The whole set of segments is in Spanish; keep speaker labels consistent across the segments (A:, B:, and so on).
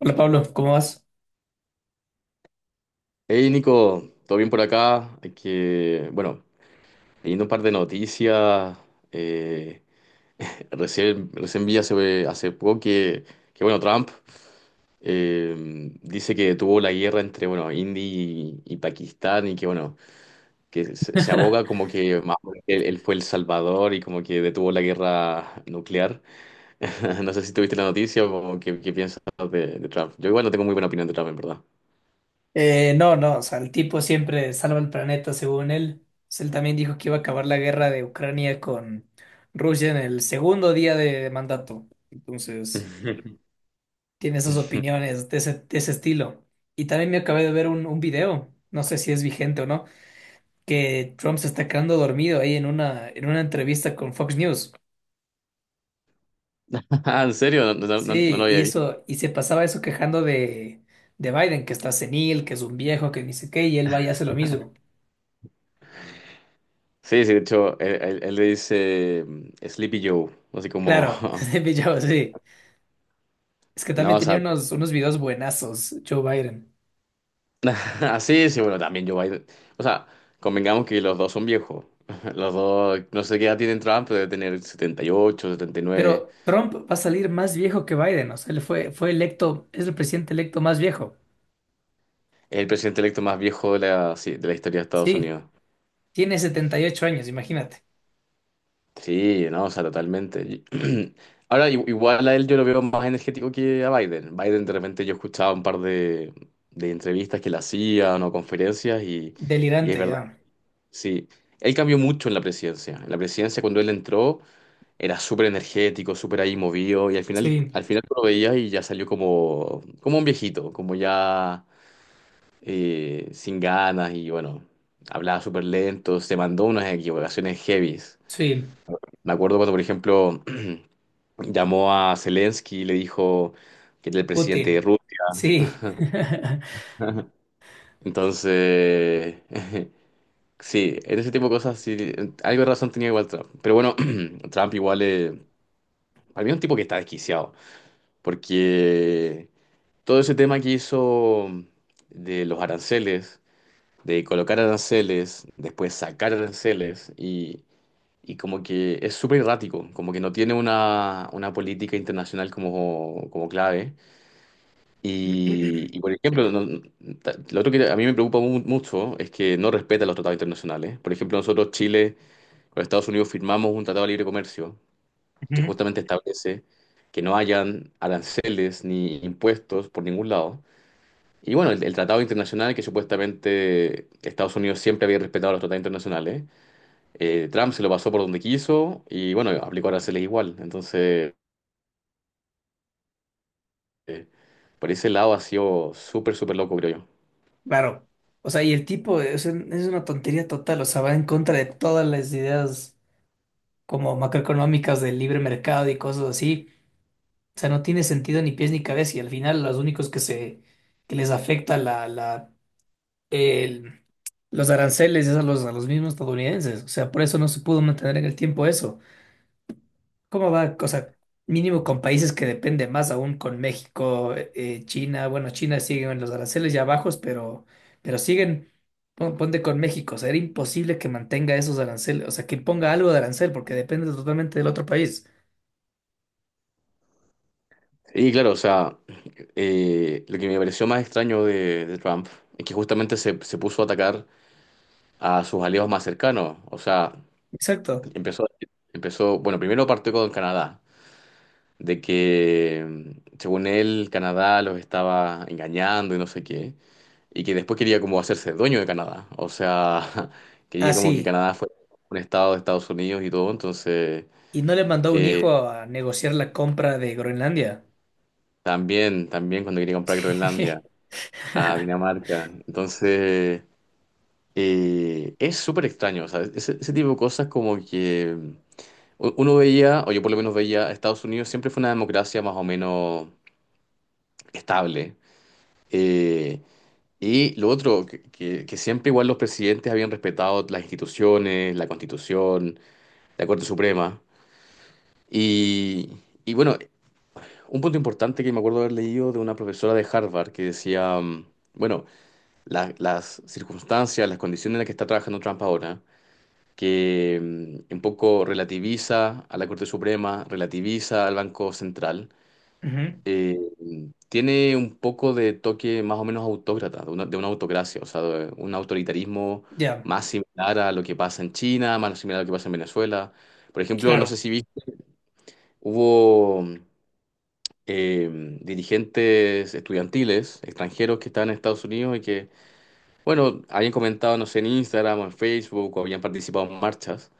A: Hola Pablo, ¿cómo vas?
B: Hey Nico, ¿todo bien por acá? Hay que, bueno, leyendo un par de noticias, eh, recién vi hace poco que, bueno, Trump eh, dice que tuvo la guerra entre, bueno, India y Pakistán y que, bueno, que se aboga como que más o menos él fue el salvador y como que detuvo la guerra nuclear. no sé si tuviste la noticia o qué piensas de Trump. Yo igual no tengo muy buena opinión de Trump, en verdad.
A: No, no, o sea, el tipo siempre salva el planeta según él. Pues él también dijo que iba a acabar la guerra de Ucrania con Rusia en el segundo día de mandato. Entonces, tiene esas opiniones de ese estilo. Y también me acabé de ver un video, no sé si es vigente o no, que Trump se está quedando dormido ahí en una entrevista con Fox News.
B: Ah, ¿en serio? No lo
A: Sí, y
B: había visto.
A: eso, y se pasaba eso quejando de Biden, que está senil, que es un viejo, que ni sé qué, y él va y hace lo mismo.
B: Sí, sí, de hecho, él le dice Sleepy Joe, así como,
A: Claro, de pillado, sí. Es que
B: no,
A: también
B: o
A: tenía
B: sea,
A: unos videos buenazos, Joe Biden.
B: así, sí, bueno, también Joe Biden. O sea, convengamos que los dos son viejos. Los dos, no sé qué edad tienen Trump, pero debe tener 78, 79,
A: Pero Trump va a salir más viejo que Biden. O sea, él fue electo, es el presidente electo más viejo.
B: Es el presidente electo más viejo de la, sí, de la historia de Estados
A: Sí,
B: Unidos.
A: tiene 78 años, imagínate.
B: Sí, no, o sea, totalmente. Y- Ahora, igual a él yo lo veo más energético que a Biden. Biden, de repente, yo escuchaba un par de entrevistas que le hacían o conferencias y es
A: Delirante
B: verdad,
A: ya.
B: que sí. Él cambió mucho en la presidencia. En la presidencia, cuando él entró, era súper energético, súper ahí movido y al final,
A: Sí,
B: al final tú lo veías y ya salió como un viejito, como ya sin ganas y bueno, hablaba súper lento, se mandó unas equivocaciones heavies.
A: sí.
B: Me acuerdo cuando, por ejemplo... llamó a Zelensky y le dijo que era el presidente de
A: Putin.
B: Rusia.
A: Sí.
B: Entonces, sí, en ese tipo de cosas sí, algo de razón tenía igual Trump. Pero bueno, Trump igual, para mí es un tipo que está desquiciado, porque todo ese tema que hizo de los aranceles, de colocar aranceles, después sacar aranceles y... Y como que es súper errático, como que no tiene una política internacional como, como clave. Y, por ejemplo, lo otro que a mí me preocupa mucho es que no respeta los tratados internacionales. Por ejemplo, nosotros, Chile, con Estados Unidos firmamos un tratado de libre comercio que
A: Ujú.
B: justamente establece que no hayan aranceles ni impuestos por ningún lado. Y bueno, el tratado internacional que supuestamente Estados Unidos siempre había respetado los tratados internacionales, Trump se lo pasó por donde quiso y bueno, aplicó aranceles igual. Entonces, eh, por ese lado ha sido súper, súper loco, creo yo.
A: Claro. O sea, y el tipo es, es una tontería total. O sea, va en contra de todas las ideas como macroeconómicas del libre mercado y cosas así. O sea, no tiene sentido ni pies ni cabeza y al final los únicos que se que les afecta el- los aranceles es a los mismos estadounidenses. O sea, por eso no se pudo mantener en el tiempo eso. ¿Cómo va? O sea, mínimo con países que depende más aún con México, China. Bueno, China siguen en los aranceles ya bajos, pero siguen ponte con México. O sea, era imposible que mantenga esos aranceles, o sea, que ponga algo de arancel porque depende totalmente del otro país.
B: Y claro, o sea... lo que me pareció más extraño de Trump es que justamente se puso a atacar a sus aliados más cercanos. O sea,
A: Exacto.
B: empezó, empezó, bueno, primero partió con Canadá, de que según él Canadá los estaba engañando y no sé qué, y que después quería como hacerse dueño de Canadá. O sea, quería como que
A: Así.
B: Canadá fuera un estado de Estados Unidos y todo. Entonces,
A: Y no le mandó un
B: eh,
A: hijo a negociar la compra de Groenlandia.
B: también cuando quería comprar Groenlandia a Dinamarca. Entonces... es súper extraño, o sea, ese tipo de cosas como que uno veía, o yo por lo menos veía, Estados Unidos siempre fue una democracia más o menos estable. Eh, y lo otro, que siempre igual los presidentes habían respetado las instituciones, la Constitución, la Corte Suprema. Y, y bueno, un punto importante que me acuerdo haber leído de una profesora de Harvard que decía, bueno, las circunstancias, las condiciones en las que está trabajando Trump ahora. Que un poco relativiza a la Corte Suprema, relativiza al Banco Central,
A: Ujú.
B: eh, tiene un poco de toque más o menos autócrata, de una autocracia, o sea, de un autoritarismo
A: Ya,
B: más similar a lo que pasa en China, más similar a lo que pasa en Venezuela. Por ejemplo, no sé
A: claro,
B: si viste, hubo dirigentes estudiantiles extranjeros que estaban en Estados Unidos y que, bueno, habían comentado, no sé, en Instagram o en Facebook o habían participado en marchas.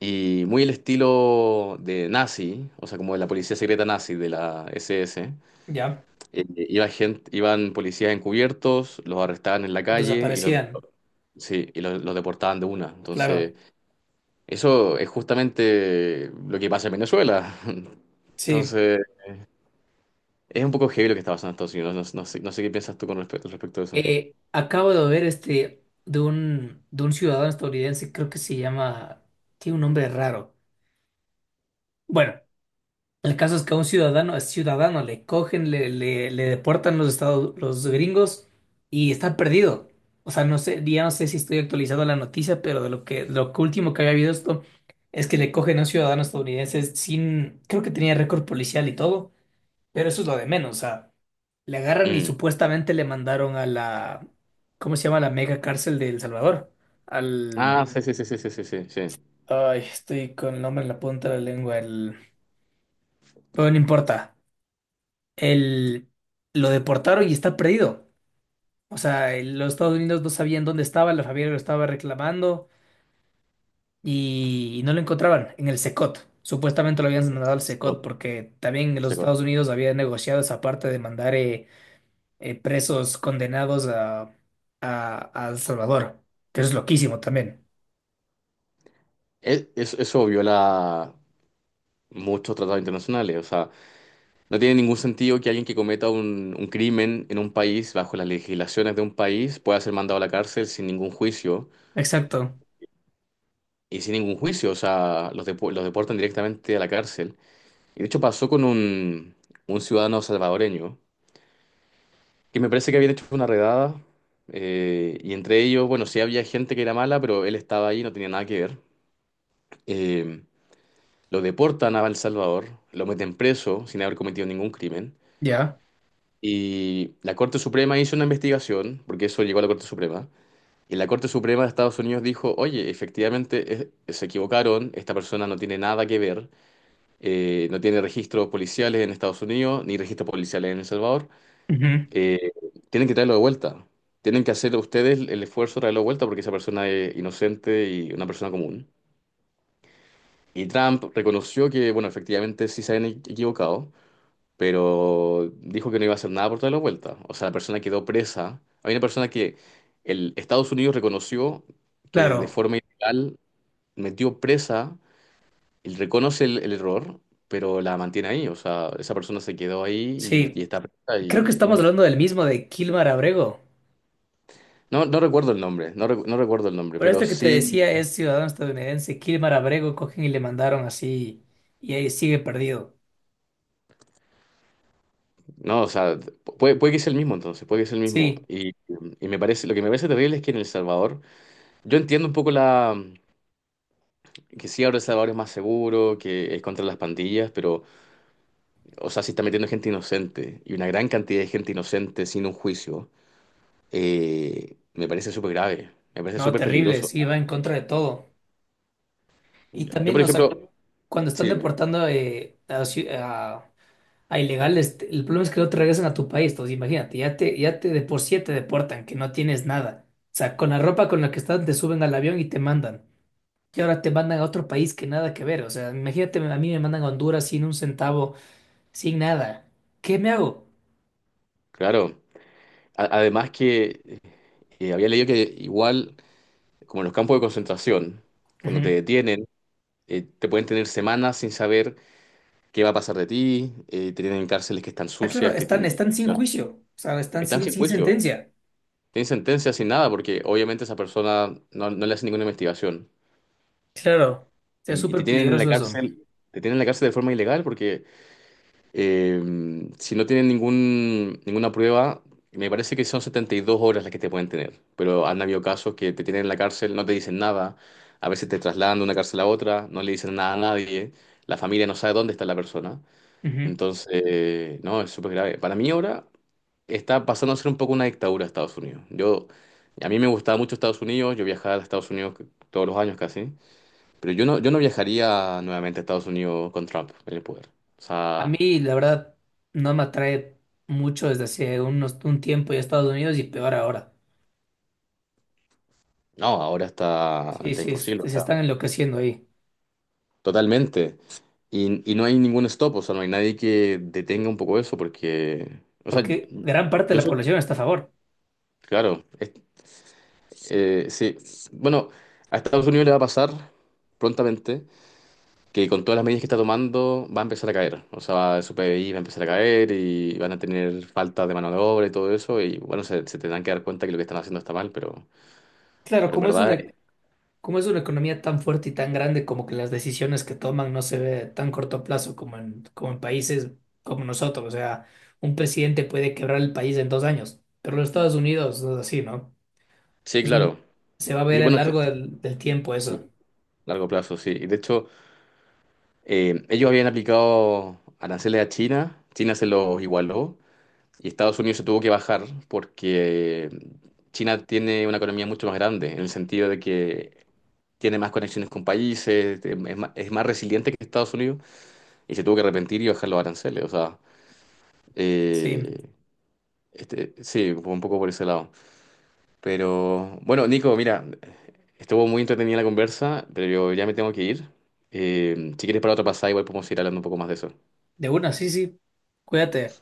B: Y muy el estilo de nazi, o sea, como de la policía secreta nazi de la SS.
A: ya.
B: Eh, iba gente, iban policías encubiertos, los arrestaban en la calle y los,
A: Desaparecían,
B: sí, y los deportaban de una. Entonces,
A: claro,
B: eso es justamente lo que pasa en Venezuela.
A: sí.
B: Entonces, es un poco heavy lo que está pasando en Estados Unidos. No, no sé qué piensas tú con respecto, a eso.
A: Acabo de ver este de un ciudadano estadounidense, creo que se llama, tiene un nombre raro. Bueno, el caso es que a un ciudadano le cogen, le deportan los estados, los gringos y está perdido. O sea, no sé, ya no sé si estoy actualizado a la noticia, pero de lo que último que había habido esto es que le cogen a un ciudadano estadounidense sin, creo que tenía récord policial y todo, pero eso es lo de menos. O sea, le agarran y
B: Mm.
A: supuestamente le mandaron a la, ¿cómo se llama? La mega cárcel de El Salvador. Al,
B: Ah, sí, sí, sí, sí, sí, sí, sí. Sí.
A: ay, estoy con el nombre en la punta de la lengua, el, bueno, no importa. el- lo deportaron y está perdido. O sea, los Estados Unidos no sabían dónde estaba, la familia lo estaba reclamando y no lo encontraban en el SECOT. Supuestamente lo habían mandado al SECOT
B: Scott,
A: porque también los
B: Scott.
A: Estados Unidos habían negociado esa parte de mandar presos condenados a El Salvador, que eso es loquísimo también.
B: Es, eso viola muchos tratados internacionales. O sea, no tiene ningún sentido que alguien que cometa un crimen en un país, bajo las legislaciones de un país, pueda ser mandado a la cárcel sin ningún juicio.
A: Exacto,
B: Y sin ningún juicio, o sea, los, los deportan directamente a la cárcel. Y de hecho pasó con un ciudadano salvadoreño, que me parece que habían hecho una redada. Y entre ellos, bueno, sí había gente que era mala, pero él estaba ahí, no tenía nada que ver. Eh, lo deportan a El Salvador, lo meten preso sin haber cometido ningún crimen.
A: ya.
B: Y la Corte Suprema hizo una investigación, porque eso llegó a la Corte Suprema, y la Corte Suprema de Estados Unidos dijo, oye, efectivamente se equivocaron, esta persona no tiene nada que ver, no tiene registros policiales en Estados Unidos, ni registros policiales en El Salvador,
A: Ujú.
B: eh, tienen que traerlo de vuelta, tienen que hacer ustedes el esfuerzo de traerlo de vuelta porque esa persona es inocente y una persona común. Y Trump reconoció que, bueno, efectivamente sí se habían equivocado. Pero dijo que no iba a hacer nada por toda la vuelta. O sea, la persona quedó presa. Hay una persona que el Estados Unidos reconoció que de
A: Claro,
B: forma ilegal metió presa, él reconoce el error, pero la mantiene ahí. O sea, esa persona se quedó ahí
A: sí.
B: y está presa
A: Creo que
B: y no
A: estamos
B: hay-
A: hablando del mismo, de Kilmar Abrego.
B: No, no recuerdo el nombre, no recuerdo el nombre,
A: Pero
B: pero
A: esto que te
B: sí,
A: decía es ciudadano estadounidense. Kilmar Abrego cogen y le mandaron así y ahí sigue perdido.
B: no, o sea, puede que sea el mismo entonces, puede que sea el mismo.
A: Sí,
B: Y me parece, lo que me parece terrible es que en El Salvador, yo entiendo un poco la, que sí ahora abre salvadores más seguro que es contra las pandillas, pero, o sea, sí está metiendo gente inocente y una gran cantidad de gente inocente sin un juicio, me parece súper grave, me parece
A: no,
B: súper
A: terrible,
B: peligroso.
A: sí, va en contra de todo. Y
B: Yo,
A: también,
B: por
A: o sea,
B: ejemplo,
A: cuando están
B: sí, dime,
A: deportando a ilegales, el problema es que no te regresan a tu país. Entonces, imagínate, ya te de por sí te deportan, que no tienes nada. O sea, con la ropa con la que estás te suben al avión y te mandan. Y ahora te mandan a otro país que nada que ver. O sea, imagínate, a mí me mandan a Honduras sin un centavo sin nada. ¿Qué me hago?
B: claro, además que había leído que igual, como en los campos de concentración, cuando te
A: Ujú.
B: detienen, te pueden tener semanas sin saber qué va a pasar de ti, te tienen en cárceles que están
A: Ah, claro,
B: sucias, que
A: están sin
B: no,
A: juicio, o sea, están
B: están
A: sin,
B: sin
A: sin
B: juicio.
A: sentencia.
B: Tienen sentencia sin nada, porque obviamente esa persona no le hace ninguna investigación.
A: Claro. O sea, es
B: Y te
A: súper
B: tienen en la
A: peligroso eso.
B: cárcel, te tienen en la cárcel de forma ilegal, porque eh, si no tienen ningún, ninguna prueba, me parece que son 72 horas las que te pueden tener. Pero han habido casos que te tienen en la cárcel, no te dicen nada, a veces te trasladan de una cárcel a otra, no le dicen nada a nadie, la familia no sabe dónde está la persona.
A: Ujú.
B: Entonces, no, es súper grave. Para mí ahora está pasando a ser un poco una dictadura Estados Unidos. Yo, a mí me gustaba mucho Estados Unidos, yo viajaba a Estados Unidos todos los años casi, pero yo no viajaría nuevamente a Estados Unidos con Trump en el poder. O
A: A
B: sea,
A: mí, la verdad, no me atrae mucho desde hace un tiempo ya Estados Unidos y peor ahora.
B: no, ahora está,
A: Sí,
B: está
A: sí,
B: imposible, o
A: se
B: sea,
A: están enloqueciendo ahí,
B: totalmente. Y no hay ningún stop, o sea, no hay nadie que detenga un poco eso, porque, o sea,
A: porque gran parte de
B: yo
A: la
B: soy,
A: población está a favor.
B: claro, sí, bueno, a Estados Unidos le va a pasar prontamente que con todas las medidas que está tomando va a empezar a caer. O sea, su PBI va a empezar a caer y van a tener falta de mano de obra y todo eso. Y bueno, se tendrán que dar cuenta que lo que están haciendo está mal,
A: Claro,
B: pero en
A: como es
B: verdad,
A: una. Como es una economía tan fuerte y tan grande, como que las decisiones que toman no se ve tan corto plazo como en países como nosotros. O sea, un presidente puede quebrar el país en 2 años, pero los Estados Unidos no es así, ¿no?
B: sí,
A: Es un-
B: claro.
A: Se va a
B: Y
A: ver a lo
B: bueno, sí,
A: largo del tiempo eso.
B: largo plazo, sí. Y de hecho, ellos habían aplicado aranceles a China, China se los igualó y Estados Unidos se tuvo que bajar porque China tiene una economía mucho más grande, en el sentido de que tiene más conexiones con países, es más resiliente que Estados Unidos. Y se tuvo que arrepentir y bajar los aranceles. O sea,
A: Sí,
B: eh, este, sí, fue un poco por ese lado. Pero bueno, Nico, mira, estuvo muy entretenida la conversa, pero yo ya me tengo que ir. Si quieres para otra pasada, igual podemos ir hablando un poco más de eso.
A: de una, sí, sí. Cuídate.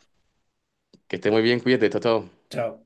B: Que esté muy bien, cuídate, chao, chao.
A: Chao.